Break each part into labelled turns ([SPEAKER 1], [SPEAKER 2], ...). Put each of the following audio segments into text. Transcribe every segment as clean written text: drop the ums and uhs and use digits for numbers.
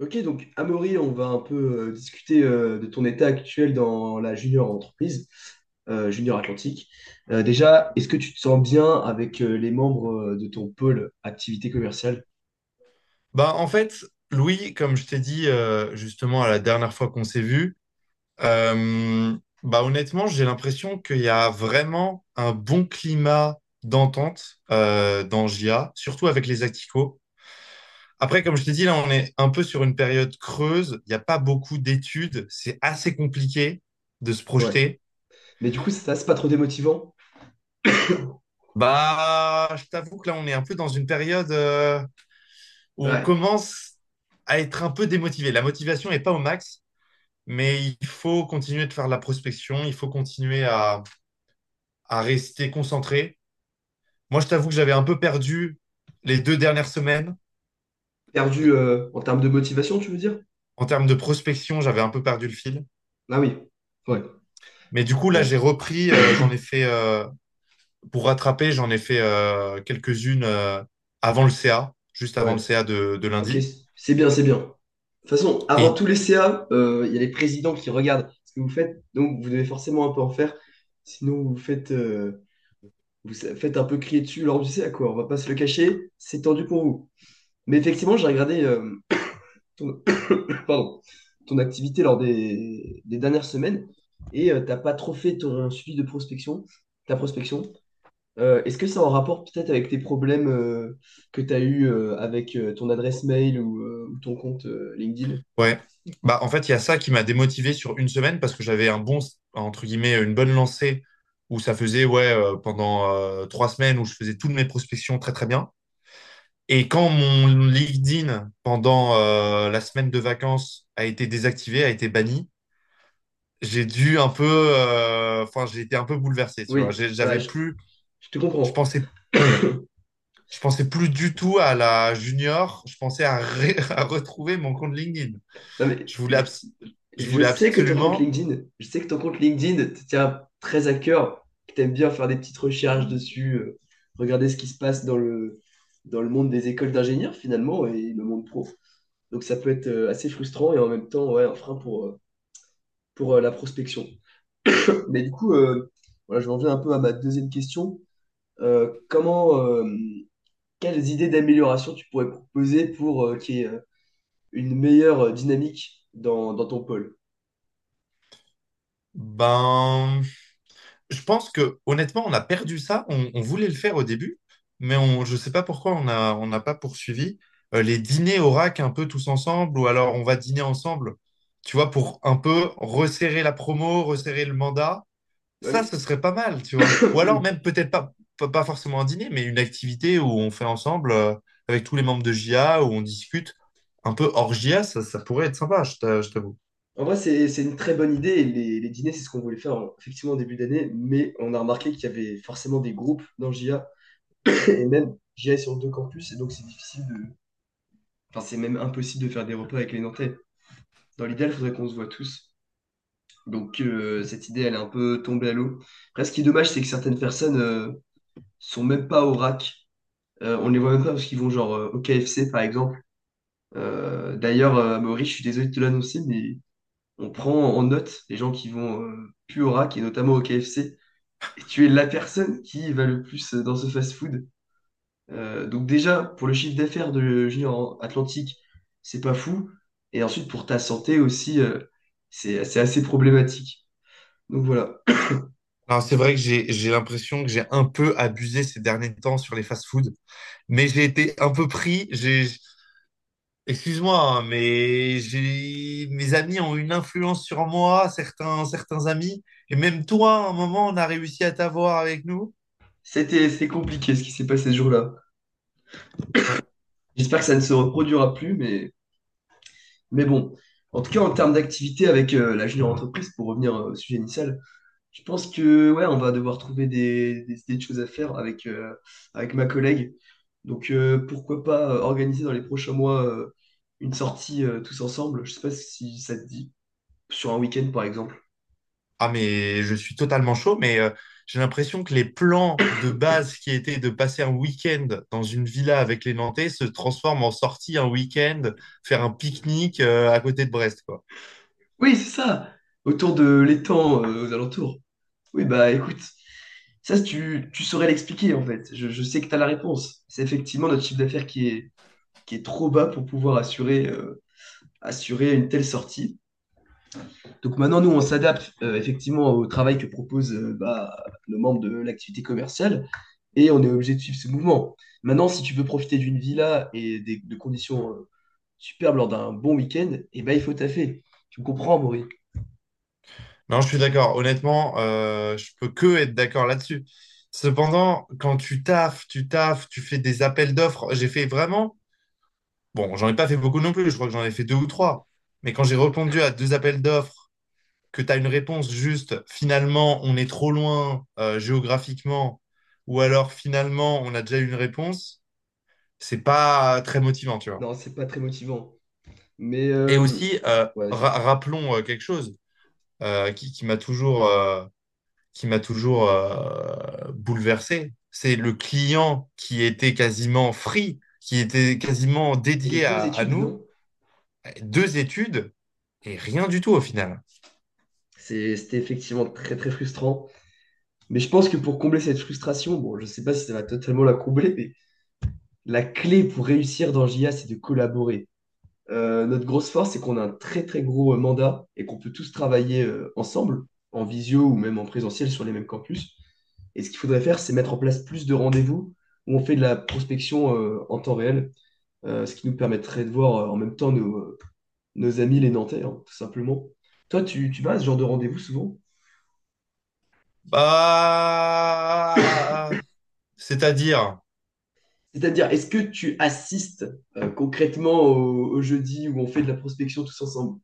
[SPEAKER 1] Ok, donc Amaury, on va un peu discuter de ton état actuel dans la junior entreprise, junior Atlantique. Déjà, est-ce que tu te sens bien avec les membres de ton pôle activité commerciale?
[SPEAKER 2] Bah, en fait, Louis, comme je t'ai dit justement à la dernière fois qu'on s'est vu, euh, bah, honnêtement, j'ai l'impression qu'il y a vraiment un bon climat d'entente dans JA, surtout avec les Acticos. Après, comme je t'ai dit, là, on est un peu sur une période creuse. Il n'y a pas beaucoup d'études. C'est assez compliqué de se
[SPEAKER 1] Ouais.
[SPEAKER 2] projeter.
[SPEAKER 1] Mais du coup, ça, c'est pas trop démotivant?
[SPEAKER 2] Bah, je t'avoue que là, on est un peu dans une période où on
[SPEAKER 1] Ouais.
[SPEAKER 2] commence à être un peu démotivé. La motivation n'est pas au max. Mais il faut continuer de faire de la prospection, il faut continuer à rester concentré. Moi, je t'avoue que j'avais un peu perdu les deux dernières semaines.
[SPEAKER 1] Perdu en termes de motivation, tu veux dire?
[SPEAKER 2] En termes de prospection, j'avais un peu perdu le fil.
[SPEAKER 1] Ah oui. Ouais.
[SPEAKER 2] Mais du coup, là, j'ai
[SPEAKER 1] Bon.
[SPEAKER 2] repris, j'en ai fait, pour rattraper, j'en ai fait quelques-unes avant le CA, juste avant
[SPEAKER 1] Ouais,
[SPEAKER 2] le CA de
[SPEAKER 1] ok,
[SPEAKER 2] lundi.
[SPEAKER 1] c'est bien, c'est bien. De toute façon, avant
[SPEAKER 2] Et
[SPEAKER 1] tous les CA, il y a les présidents qui regardent ce que vous faites, donc vous devez forcément un peu en faire. Sinon, vous faites, faites un peu crier dessus lors du CA, quoi. On va pas se le cacher, c'est tendu pour vous. Mais effectivement, j'ai regardé ton, pardon, ton activité lors des dernières semaines et t'as pas trop fait ton suivi de prospection, ta prospection. Est-ce que c'est en rapport peut-être avec tes problèmes que tu as eu avec ton adresse mail ou ton compte LinkedIn?
[SPEAKER 2] ouais. Bah, en fait, il y a ça qui m'a démotivé sur une semaine parce que j'avais un bon, entre guillemets, une bonne lancée où ça faisait, ouais, pendant trois semaines où je faisais toutes mes prospections très, très bien. Et quand mon LinkedIn pendant la semaine de vacances a été désactivé, a été banni, j'ai dû un peu, enfin, j'ai été un peu bouleversé, tu vois.
[SPEAKER 1] Oui,
[SPEAKER 2] J'avais plus,
[SPEAKER 1] je te
[SPEAKER 2] je
[SPEAKER 1] comprends.
[SPEAKER 2] pensais, je pensais plus du tout à la junior. Je pensais à retrouver mon compte LinkedIn.
[SPEAKER 1] Non,
[SPEAKER 2] Je voulais, abs- je
[SPEAKER 1] je
[SPEAKER 2] voulais
[SPEAKER 1] sais que ton compte
[SPEAKER 2] absolument.
[SPEAKER 1] LinkedIn, je sais que ton compte LinkedIn te tient très à cœur, que tu aimes bien faire des petites recherches dessus, regarder ce qui se passe dans le monde des écoles d'ingénieurs finalement et le monde pro. Donc ça peut être assez frustrant et en même temps ouais, un frein pour la prospection. Mais du coup, voilà, je reviens un peu à ma deuxième question. Comment, quelles idées d'amélioration tu pourrais proposer pour qu'il y ait une meilleure dynamique dans, dans ton pôle?
[SPEAKER 2] Ben, je pense que honnêtement, on a perdu ça. On voulait le faire au début, mais je sais pas pourquoi on n'a pas poursuivi. Les dîners au rack un peu tous ensemble, ou alors on va dîner ensemble, tu vois, pour un peu resserrer la promo, resserrer le mandat.
[SPEAKER 1] Ouais,
[SPEAKER 2] Ça,
[SPEAKER 1] mais-
[SPEAKER 2] ce serait pas mal, tu vois. Ou alors même peut-être pas forcément un dîner, mais une activité où on fait ensemble avec tous les membres de JA, où on discute un peu hors JA, ça pourrait être sympa, je t'avoue.
[SPEAKER 1] En vrai, c'est une très bonne idée. Les dîners, c'est ce qu'on voulait faire effectivement en début d'année, mais on a remarqué qu'il y avait forcément des groupes dans JA, et même JA est sur deux campus, et donc c'est difficile de... Enfin, c'est même impossible de faire des repas avec les Nantais. Dans l'idéal, il faudrait qu'on se voit tous. Donc cette idée, elle est un peu tombée à l'eau. Après, ce qui est dommage, c'est que certaines personnes sont même pas au rack. On les voit même pas parce qu'ils vont genre au KFC par exemple. D'ailleurs, Amaury, je suis désolé de te l'annoncer, mais on prend en note les gens qui vont plus au rack et notamment au KFC. Et tu es la personne qui va le plus dans ce fast-food. Donc déjà, pour le chiffre d'affaires de Junior Atlantique, c'est pas fou. Et ensuite, pour ta santé aussi, c'est assez problématique. Donc voilà,
[SPEAKER 2] Alors, c'est vrai que j'ai l'impression que j'ai un peu abusé ces derniers temps sur les fast-foods, mais j'ai été un peu pris. Excuse-moi, hein, mais j'ai mes amis ont une influence sur moi, certains amis, et même toi, à un moment, on a réussi à t'avoir avec nous.
[SPEAKER 1] c'était compliqué ce qui s'est passé ce jour-là.
[SPEAKER 2] Ouais.
[SPEAKER 1] J'espère que ça ne se reproduira plus, mais bon, en tout cas, en termes d'activité avec la junior entreprise, pour revenir au sujet initial, je pense que ouais, on va devoir trouver des idées de choses à faire avec, avec ma collègue. Donc pourquoi pas organiser dans les prochains mois une sortie tous ensemble, je sais pas si ça te dit, sur un week-end par exemple.
[SPEAKER 2] Ah, mais je suis totalement chaud, mais j'ai l'impression que les plans de base qui étaient de passer un week-end dans une villa avec les Nantais se transforment en sortie un week-end, faire un pique-nique à côté de Brest, quoi.
[SPEAKER 1] Oui, c'est ça, autour de l'étang aux alentours. Oui, bah écoute, ça si tu, tu saurais l'expliquer en fait. Je sais que tu as la réponse. C'est effectivement notre chiffre d'affaires qui est trop bas pour pouvoir assurer. Assurer une telle sortie. Donc maintenant, nous, on s'adapte effectivement au travail que propose bah, nos membres de l'activité commerciale et on est obligé de suivre ce mouvement. Maintenant, si tu veux profiter d'une villa et des, de conditions superbes lors d'un bon week-end, eh ben, il faut taffer. Tu me comprends, Maury?
[SPEAKER 2] Non, je suis d'accord. Honnêtement, je peux que être d'accord là-dessus. Cependant, quand tu taffes, tu taffes, tu fais des appels d'offres, j'ai fait vraiment, bon, j'en ai pas fait beaucoup non plus, je crois que j'en ai fait deux ou trois, mais quand j'ai répondu à deux appels d'offres, que tu as une réponse juste, finalement, on est trop loin géographiquement, ou alors finalement, on a déjà eu une réponse, c'est pas très motivant, tu vois.
[SPEAKER 1] Non, c'est pas très motivant. Mais
[SPEAKER 2] Et aussi,
[SPEAKER 1] ouais, vas-y.
[SPEAKER 2] rappelons quelque chose euh, qui, qui m'a toujours, euh, qui m'a toujours bouleversé. C'est le client qui était quasiment free, qui était quasiment
[SPEAKER 1] Et les
[SPEAKER 2] dédié
[SPEAKER 1] deux
[SPEAKER 2] à
[SPEAKER 1] études,
[SPEAKER 2] nous.
[SPEAKER 1] non?
[SPEAKER 2] Deux études et rien du tout au final.
[SPEAKER 1] C'était effectivement très très frustrant. Mais je pense que pour combler cette frustration, bon, je sais pas si ça va totalement la combler, mais la clé pour réussir dans JA, c'est de collaborer. Notre grosse force, c'est qu'on a un très très gros mandat et qu'on peut tous travailler ensemble, en visio ou même en présentiel sur les mêmes campus. Et ce qu'il faudrait faire, c'est mettre en place plus de rendez-vous où on fait de la prospection en temps réel, ce qui nous permettrait de voir en même temps nos, nos amis les Nantais, hein, tout simplement. Toi, tu vas à ce genre de rendez-vous souvent?
[SPEAKER 2] Bah, c'est-à-dire,
[SPEAKER 1] C'est-à-dire, est-ce que tu assistes concrètement au, au jeudi où on fait de la prospection tous ensemble?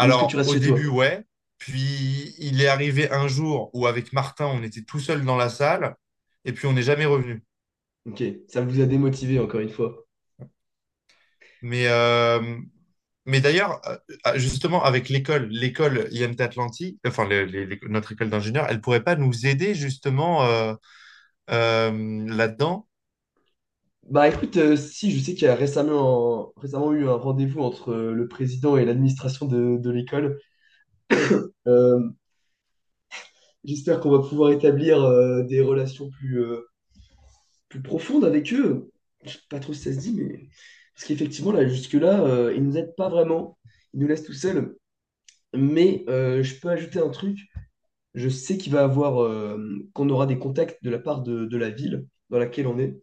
[SPEAKER 1] Ou est-ce que tu restes
[SPEAKER 2] au
[SPEAKER 1] chez
[SPEAKER 2] début,
[SPEAKER 1] toi?
[SPEAKER 2] ouais. Puis il est arrivé un jour où avec Martin, on était tout seul dans la salle et puis on n'est jamais revenu.
[SPEAKER 1] Ok, ça vous a démotivé encore une fois.
[SPEAKER 2] Mais euh, Mais d'ailleurs, justement, avec l'école IMT Atlantique, enfin notre école d'ingénieur, elle pourrait pas nous aider justement là-dedans.
[SPEAKER 1] Bah écoute, si, je sais qu'il y a récemment, récemment eu un rendez-vous entre le président et l'administration de l'école. Euh, j'espère qu'on va pouvoir établir des relations plus, plus profondes avec eux. Je sais pas trop si ça se dit, mais... Parce qu'effectivement, là, jusque-là, ils nous aident pas vraiment. Ils nous laissent tout seuls. Mais je peux ajouter un truc. Je sais qu'il va avoir, qu'on aura des contacts de la part de la ville dans laquelle on est.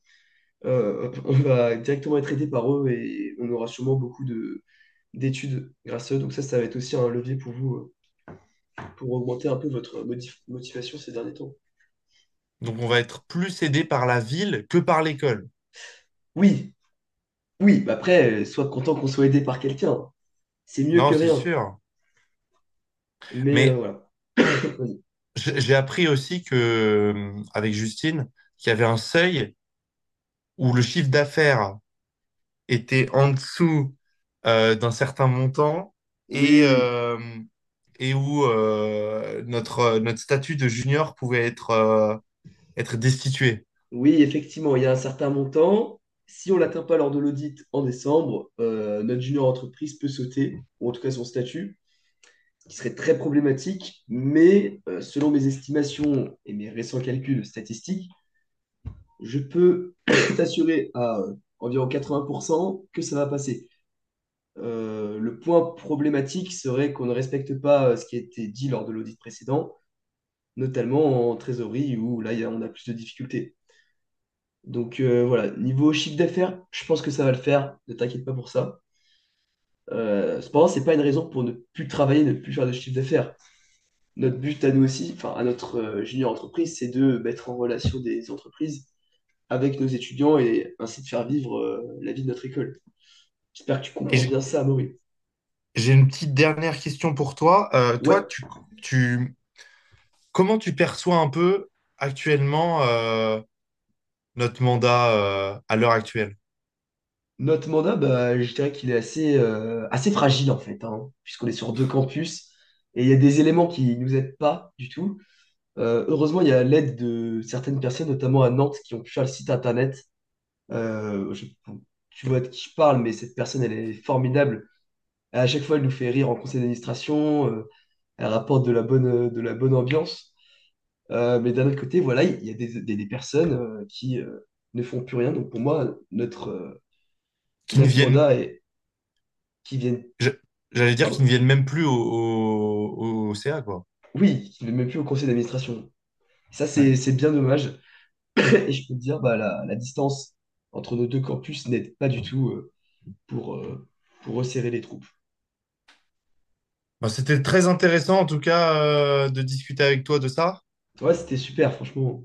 [SPEAKER 1] On va directement être aidé par eux et on aura sûrement beaucoup de d'études grâce à eux. Donc ça va être aussi un levier pour vous, pour augmenter un peu votre motivation ces derniers temps.
[SPEAKER 2] Donc on va être plus aidé par la ville que par l'école.
[SPEAKER 1] Oui, oui, bah après, sois content qu'on soit aidé par quelqu'un. C'est mieux
[SPEAKER 2] Non,
[SPEAKER 1] que
[SPEAKER 2] c'est
[SPEAKER 1] rien.
[SPEAKER 2] sûr.
[SPEAKER 1] Mais
[SPEAKER 2] Mais
[SPEAKER 1] voilà. Vas-y.
[SPEAKER 2] j'ai appris aussi que avec Justine, qu'il y avait un seuil où le chiffre d'affaires était en dessous d'un certain montant et
[SPEAKER 1] Oui, oui.
[SPEAKER 2] euh, et où notre statut de junior pouvait être destitué.
[SPEAKER 1] Oui, effectivement, il y a un certain montant. Si on ne l'atteint pas lors de l'audit en décembre, notre junior entreprise peut sauter, ou en tout cas son statut, qui serait très problématique. Mais selon mes estimations et mes récents calculs statistiques, je peux t'assurer à environ 80% que ça va passer. Le point problématique serait qu'on ne respecte pas ce qui a été dit lors de l'audit précédent, notamment en trésorerie où là, on a plus de difficultés. Donc voilà, niveau chiffre d'affaires, je pense que ça va le faire, ne t'inquiète pas pour ça. Cependant, c'est pas une raison pour ne plus travailler, ne plus faire de chiffre d'affaires. Notre but à nous aussi, enfin à notre junior entreprise, c'est de mettre en relation des entreprises avec nos étudiants et ainsi de faire vivre la vie de notre école. J'espère que tu comprends
[SPEAKER 2] Et
[SPEAKER 1] bien ça, Amaury.
[SPEAKER 2] j'ai une petite dernière question pour toi.
[SPEAKER 1] Ouais,
[SPEAKER 2] Tu, comment tu perçois un peu actuellement notre mandat à l'heure actuelle?
[SPEAKER 1] notre mandat, bah, je dirais qu'il est assez, assez fragile en fait, hein, puisqu'on est sur deux campus et il y a des éléments qui nous aident pas du tout. Heureusement, il y a l'aide de certaines personnes, notamment à Nantes, qui ont pu faire le site internet. Enfin, tu vois de qui je parle, mais cette personne, elle est formidable. À chaque fois, elle nous fait rire en conseil d'administration, elle rapporte de la bonne ambiance. Mais d'un autre côté, voilà, il y a des, des personnes qui ne font plus rien. Donc pour moi, notre,
[SPEAKER 2] Qui ne
[SPEAKER 1] notre
[SPEAKER 2] viennent,
[SPEAKER 1] mandat et qui viennent,
[SPEAKER 2] je- j'allais dire qu'ils ne
[SPEAKER 1] pardon,
[SPEAKER 2] viennent même plus au CA, quoi.
[SPEAKER 1] oui, qui ne viennent même plus au conseil d'administration. Ça,
[SPEAKER 2] Ouais.
[SPEAKER 1] c'est bien dommage. Et je peux te dire, bah, la distance entre nos deux campus n'aide pas du tout pour, euh, pour resserrer les troupes.
[SPEAKER 2] Bon, c'était très intéressant, en tout cas, de discuter avec toi de ça.
[SPEAKER 1] Ouais, c'était super, franchement.